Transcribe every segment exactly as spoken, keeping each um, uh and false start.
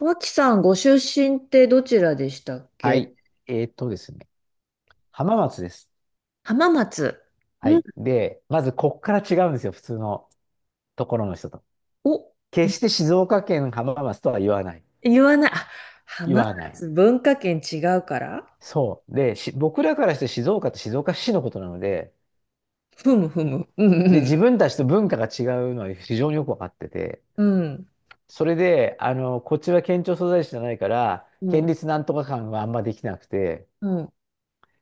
脇さん、ご出身ってどちらでしたっはけ？い。えーっとですね。浜松です。浜松。はうん、い。で、まずこっから違うんですよ。普通のところの人と。お、決して静岡県浜松とは言わない。言わない。あ、言浜わない。松、文化圏違うから。そう。で、し僕らからして静岡って静岡市のことなので、ふむふむ。うで、ん。自分たちと文化が違うのは非常によくわかってて、うん。それで、あの、こっちは県庁所在地じゃないから、うん。う県ん。立なんとか館はあんまできなくて、うん。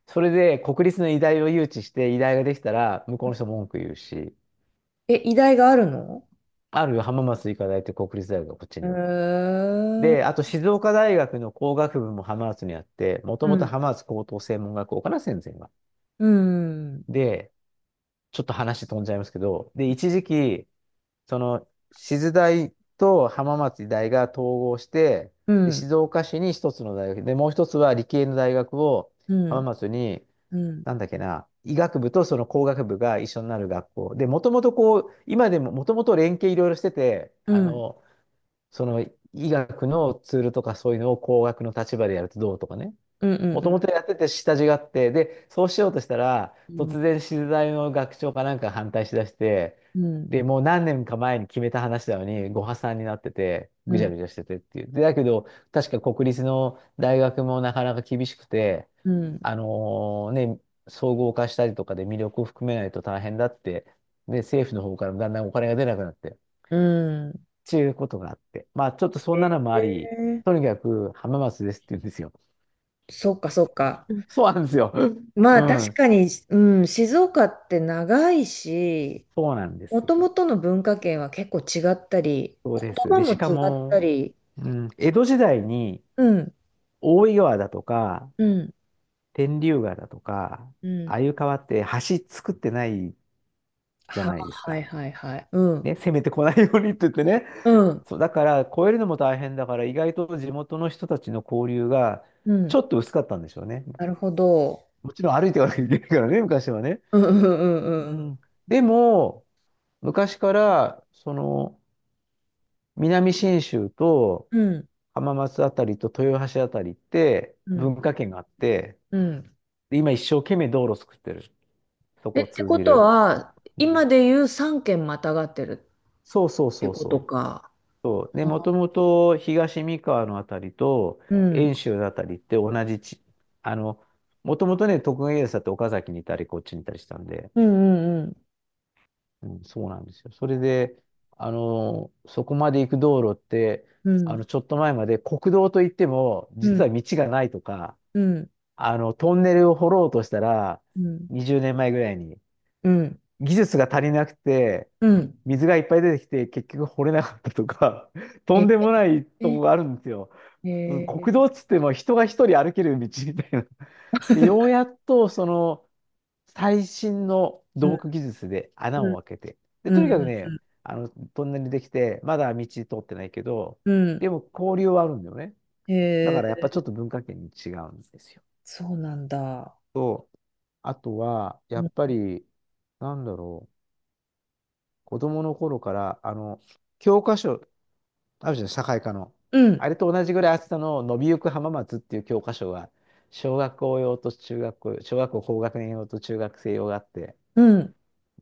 それで国立の医大を誘致して、医大ができたら、向こうの人文句言うし、え、医大があるの？ある浜松医科大って国立大学がこっちへには。ー。で、あと静岡大学の工学部も浜松にあって、もとうもとん。浜松高等専門学校かな、戦生は。うん。で、ちょっと話飛んじゃいますけど、で、一時期、その、静大と浜松大が統合して、うん。うで、ん。静岡市に一つの大学、で、もう一つは理系の大学をう浜ん。松に、うん。なんだっけな、医学部とその工学部が一緒になる学校。で、もともとこう、今でももともと連携いろいろしてて、うあん。の、その医学のツールとかそういうのを工学の立場でやるとどうとかね。うん。うもともん。とやってて下地があって、で、そうしようとしたら、うん。突然資材の学長かなんか反対しだして、うん。で、もう何年か前に決めた話なのに、ご破算になってて、ぐちゃぐちゃしててっていう。で、だけど、確か国立の大学もなかなか厳しくて、うん。あのーね、総合化したりとかで魅力を含めないと大変だって、で、政府の方からもだんだんお金が出なくなって。うん。ちゅうことがあって。まあ、ちょっとそんえなのもあり、ー、とにかく浜松ですって言うんですよ。そっかそっか。そうなんですよ。まうあ確ん。かに、うん、静岡って長いし、そうなんでもす。ともとの文化圏は結構違ったり、そう言です。葉で、もしか違ったも、り、うん、江戸時代にうん、大井川だとか、うん、天竜川だとか、うあん。あいう川って橋作ってないじゃは、ないですはいか。はいはい。うん、ね、攻めてこないようにって言ってね。うん、そう、だから、越えるのも大変だから、意外と地元の人たちの交流がうちょん。っと薄かったんでしょうね。なるほど。もちろん歩いていかなきゃいけないからね、昔はね。うんうんううんうん。ん、でも、昔から、その、南信州とうん、浜松あたりと豊橋あたりってうん、文化圏があって、うん。で今一生懸命道路作ってる。そえ、こをって通こじとる。は、う今ん、で言うさん県またがってるそうそうってそうことそう。か。そう。で、もともと東三河のあたりとうん、遠州のあたりって同じ地、あの、もともとね、徳川家康だって岡崎にいたり、こっちにいたりしたんで、うん、うん、うん、そうなんですよ。それで、あの、そこまで行く道路って、うあん、の、ちょっと前まで国道といっても、うん、う実はん、道がないとか、うん、あの、トンネルを掘ろうとしたら、うん、にじゅうねんまえぐらいに、うん。技術が足りなくて、うん。水がいっぱい出てきて、結局掘れなかったとか、とえんでもないとこえ。があるんですよ。うん、へえ。国道っつっても人が一人歩ける道みたいな。で、ようやっと、その、最新のう土ん、木技術で穴うん、を開けて。で、うとん、にうん、かくうね、ん。あの、トンネルできて、まだ道通ってないけど、うん。でも交流はあるんだよね。へだからやっぱえ、ちょっと文化圏に違うんですよ。そうなんだ。と、あとは、やうん、っぱり、なんだろう、子供の頃から、あの、教科書、あるじゃん、社会科の。うん。あれと同じぐらい厚さの伸びゆく浜松っていう教科書が、小学校用と中学校、小学校高学年用と中学生用があって、うん。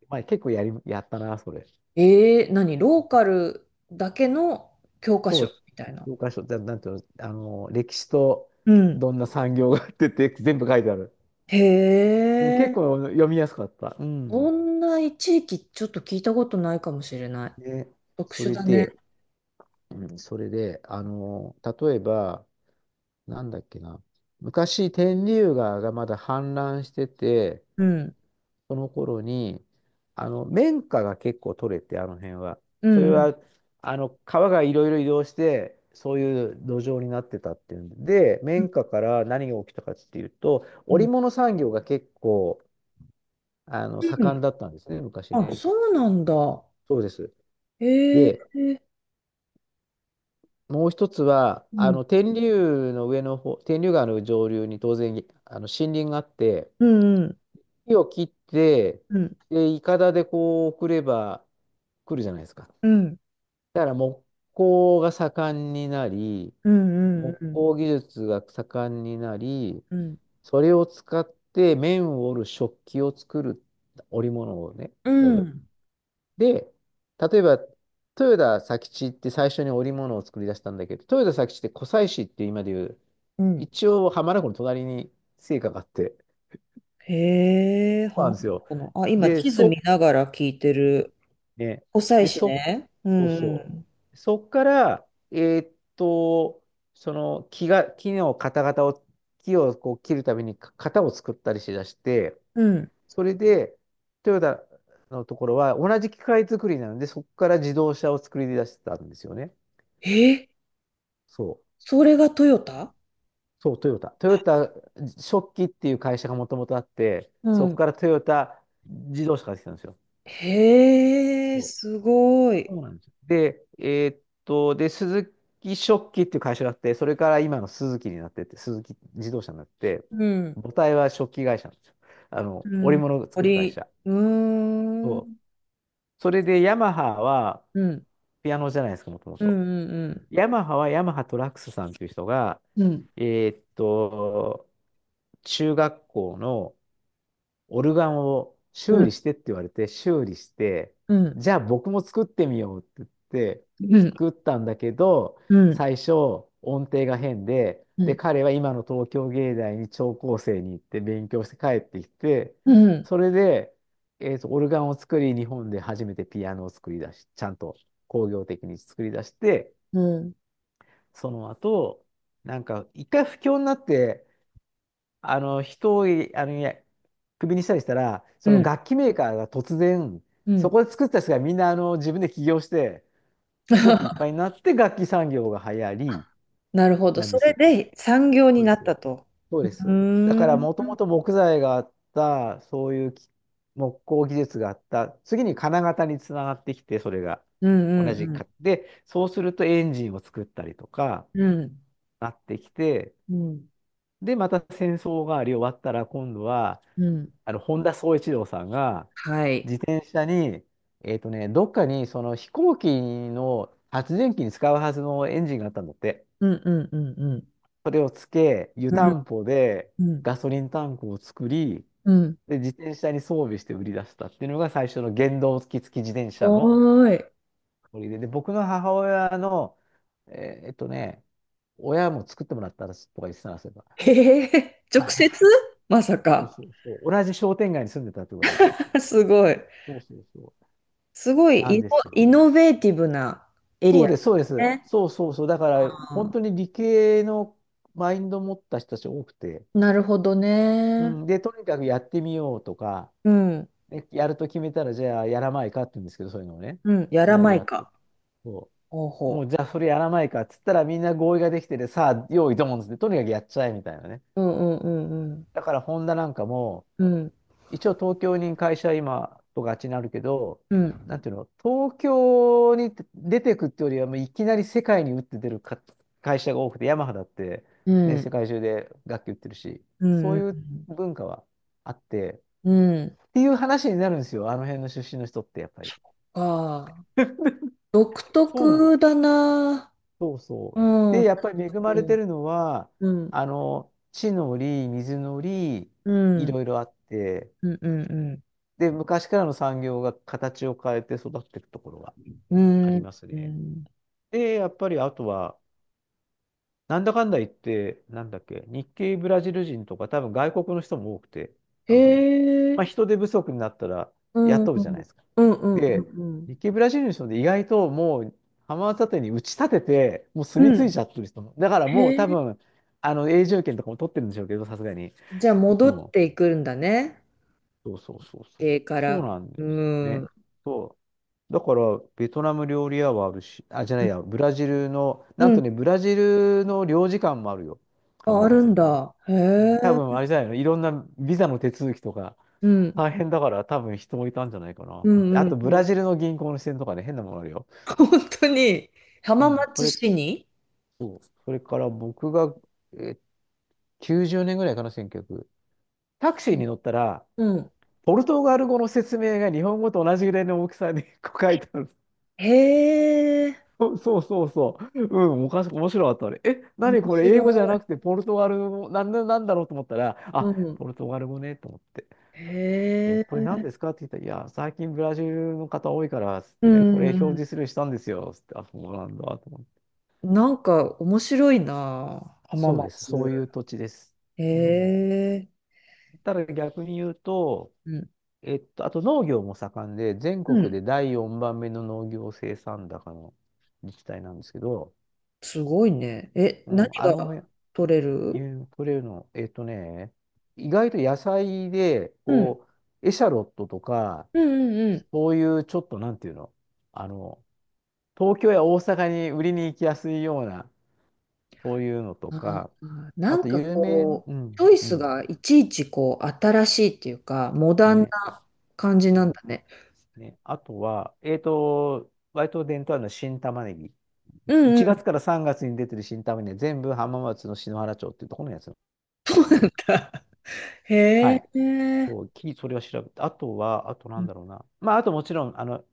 まあ結構やり、やったな、それ。ええ、何ローカルだけの教科そ書みう、たいな。教科書、だなんていうの、あの、歴史とうん。どんな産業があってって全部書いてある。へもうえ、結構読みやすかった。うそん。んな地域ちょっと聞いたことないかもしれない。ね、特そ殊れだね。で、うん、それで、あの、例えば、なんだっけな、昔、天竜川がまだ氾濫してて、うん。その頃に、あの、綿花が結構取れて、あの辺は。うそれん、うん、は、あの、川がいろいろ移動して、そういう土壌になってたっていうんで、うん、綿花から何が起きたかっていうと、う織ん。物産業が結構、あの、う盛ん。んだったんですね、昔あ、ね。そうなんだ。そうです。へえ、で、もう一つは、うあん、の、天竜の上の方、天竜川の上流に当然、あの、森林があって、うん、うん、木を切って、うん、で、いかだでこう送れば来るじゃないですか。うん、だから木工が盛んになり、うん、うん、木うん、工技術が盛んになり、うん。それを使って面を織る食器を作る織物をね、うやんうる。んで、例えば、豊田佐吉って最初に織物を作り出したんだけど、豊田佐吉って湖西市って今でいう、うん。一応浜名湖の隣に生家があって、へえ、そハうなマんっですたよ。のかな。あ、今、で、地図見そ、ながら聞いてる。ね、湖西で、市そね。うそうそん。う。そっから、えーっと、その木が、木の型型を、木をこう切るためにか型を作ったりしだして、うん。それで、トヨタのところは同じ機械作りなので、そこから自動車を作り出してたんですよね。え、そう。それがトヨタ。そう、トヨタ。トヨタ食器っていう会社がもともとあって、うそこん。からトヨタ自動車ができたんですよ。へえ、そうすごい。そうなんですよ。で、えーっと、で、鈴木食器っていう会社があって、それから今のスズキになってって、スズキ自動車になって、うん。母体は食器会社なんですよ。あの、う織ん。物を作る会鳥、社。うーそうん。それでヤマハは、うん、うピアノじゃないですか、もともん。うと。んうん、ヤマハはヤマハトラックスさんっていう人が、うん。えーっと、中学校のオルガンをう修ん。理してって言われて、修理して、うん。じゃあ僕も作ってみようって言って、うん。作ったんだけど、うん。最初音程が変で、うで、ん。彼は今の東京芸大に聴講生に行って勉強して帰ってきて、うん、それで、えーと、オルガンを作り、日本で初めてピアノを作り出し、ちゃんと工業的に作り出して、うん。その後、なんか一回不況になって、あの人をあのいやクビにしたりしたら、そうのん。楽器メーカーが突然、うそん。こで作った人がみんなあの自分で起業して、すごくいっぱい になって楽器産業が流行りなるほど。なんそですれよ。で産業にそうでなったす。と。そううでーす。だからん。もうとん、もと木材があった、そういうき木工技術があった、次に金型につながってきて、それがうん、同うじん。か。で、そうするとエンジンを作ったりとかうん。なってきて、うん。で、また戦争があり終わったら今度は、うん。あの、本田宗一郎さんが、はい。電車に、えっとね、どっかにその飛行機の発電機に使うはずのエンジンがあったんだって。うんうんうんうん。それをつけ、湯うたんんぽでうんガソリンタンクを作り、うん。で、自転車に装備して売り出したっていうのが最初の原動機付き自転車のおーい。ノリで、で、僕の母親の、えーっとね、親も作ってもらったらとか言ってたらそういえば。へえ、は直い。接。まさそうか。そうそう。同じ商店街に住んでたってことから。すごい。そうそうそすごいう。なイんノ、ですよ。イノベーティブなエそリうアです、そうでだす。ね。そうそうそう。だから、本当あに理系のマインドを持った人たち多くて、ー、なるほどうね。ん、で、とにかくやってみようとか、うん。ね、やると決めたら、じゃあやらないかって言うんですけど、そういうのをね、うん、やみらんなでなやいってか。そほうう。もほう、じゃあそれやらないかっつったら、みんな合意ができてて、さあ、用意ドンっつって、とにかくやっちゃえみたいなね。う。うんうんうんだから、ホンダなんかも、うん。一応東京に会社今とがちになるけど、うなん。んていうの、東京に出てくってよりは、もういきなり世界に打って出るか会社が多くて、ヤマハだって、うね、ん。世界中で楽器売ってるし、うそんうういうん文化はあって、うん。うん。っていう話になるんですよ、あの辺の出身の人ってやっぱり。ああ。独そうなの。特だな。そうそうう。で、ん。やっ確ぱり恵かまれてに。るのは、うん、あの、地の利、水の利、ういん、ろいろあって、うん、うん、うん。で、昔からの産業が形を変えて育っていくところがうありん、ますうね。ん。で、やっぱりあとは、なんだかんだ言って、なんだっけ、日系ブラジル人とか、多分外国の人も多くて、へあの辺。まえ、あ、人手不足になったらうん、う雇うじゃなん、いですか。うん、うん、うで、ん。うん。日系ブラジルの人で意外ともう浜松建てに打ち立てて、もうう住み着いん。ちゃってる人も。だからもうへえ、多分、あの永住権とかも取ってるんでしょうけど、さすがに。じゃあう戻っん。ていくんだね。そうそうそうそう。家かそうら。なんでうすん。ね。うそう。だから、ベトナム料理屋はあるし、あ、じゃないや、ん、ブラジルの、なんとね、ブラジルの領事館もあるよ。あ、あ浜る松んに。だ。へうん、多分、え。あれじゃないの、いろんなビザの手続きとか、うん、大変だから、多分人もいたんじゃないかな。うん、あうん、と、うブん。ラジルの銀行の支店とかね、変なものあるよ。本当に。う浜ん。そ松れ、市に？そう。それから僕が、え、きゅうじゅうねんぐらいかな、せんきゅうひゃく。タクシーに乗ったら、うん、ポルトガル語の説明が日本語と同じぐらいの大きさに 書いてある。へえ。そう そうそうそう。うん、おかし、面白かったあれ。え、面何これ、白い。英語じゃなくてポルトガル語、なんな、なんだろうと思ったら、うあ、ん、ポルトガル語ね、と思って。え、へこれえ。何ですかって言ったら、いや、最近ブラジルの方多いから、つっうてん。ね、これうんう表ん。示するようにしたんですよ、つって、あ、そうなんだ、と思って。なんか面白いな。あ、浜そうです。そ松。ういう土地です。へうん。え、ただ逆に言うと、うん。えっと、あと農業も盛んで、全う国ん、でだいよんばんめの農業生産高の自治体なんですけど、すごいね。え、う何ん、あがの辺、取れる？ユークレーの、えっとね、意外と野菜で、うん。こう、エシャロットとか、うんうんうん。そういうちょっとなんていうの、あの、東京や大阪に売りに行きやすいような、そういうのとあか、ー、なあとんか有名、こうう、チん、ョイうスん、がいちいちこう、新しいっていうか、モダンね、な感じそなんだね。うね。あとは、えっと、割と伝統あるのは新玉ねぎ。うんういちがつん。からさんがつに出てる新玉ねぎ、全部浜松の篠原町っていうところのやつな のなで、んか。はへい。え、そう、きりそれを調べて、あとは、あとなんだろうな。まあ、あともちろん、あの、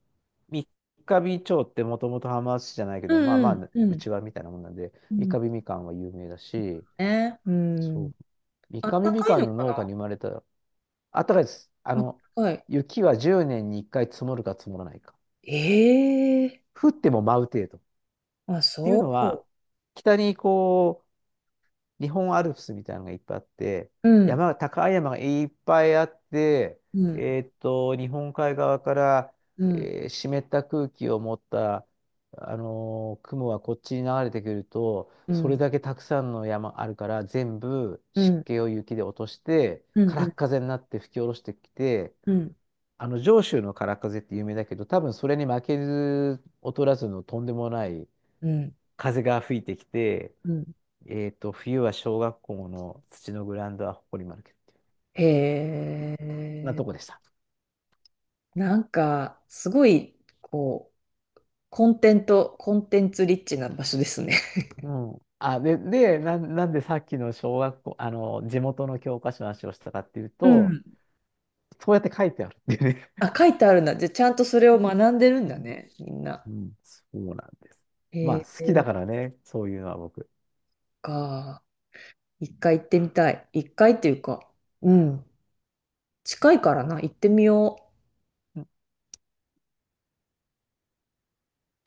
三ヶ日町ってもともと浜松市じゃないけうど、まあまんあ、うんううん。ちわみたいなもんなんで、う三ん。ヶ日みかんは有名だし、ね、うそん。う、三あっヶ日たみかいかんののか農家な。に生まれた、あったかいです。ああっの、たかい。雪はじゅうねんにいっかい積もるか積もらないか。ええ。降っても舞う程度。っあ、ていうそのう。は、北にこ日本アルプスみたいなのがいっぱいあって、うん。山が、高い山がいっぱいあって、うん、えーっと、日本海側から、うん、えー湿った空気を持った、あのー雲がこっちに流れてくると、うそれん、だけたくさんの山あるから、全部う湿ん、気を雪で落として、うん、う空ん、っ風になって吹き下ろしてきて、うん、あの上州の空っ風って有名だけど、多分それに負けず劣らずのとんでもないうん、風が吹いてきて、うん。えっと、冬は小学校の土のグラウンドは埃まるけど、へそんなえ、とこでした。なんか、すごい、こう、コンテント、コンテンツリッチな場所ですね。うん。あ、で、で、なん、なんでさっきの小学校、あの、地元の教科書の話をしたかっていう うと、ん。そうやって書いてあるっていうね。あ、書いてあるんだ。じゃあ、ちゃんとそれを 学んでるんうだん、ね、みんな。うんそうなんです。まあ、へ好え、きだからね、そういうのは僕。か。一回行ってみたい。一回っていうか、うん。近いからな、行ってみよう。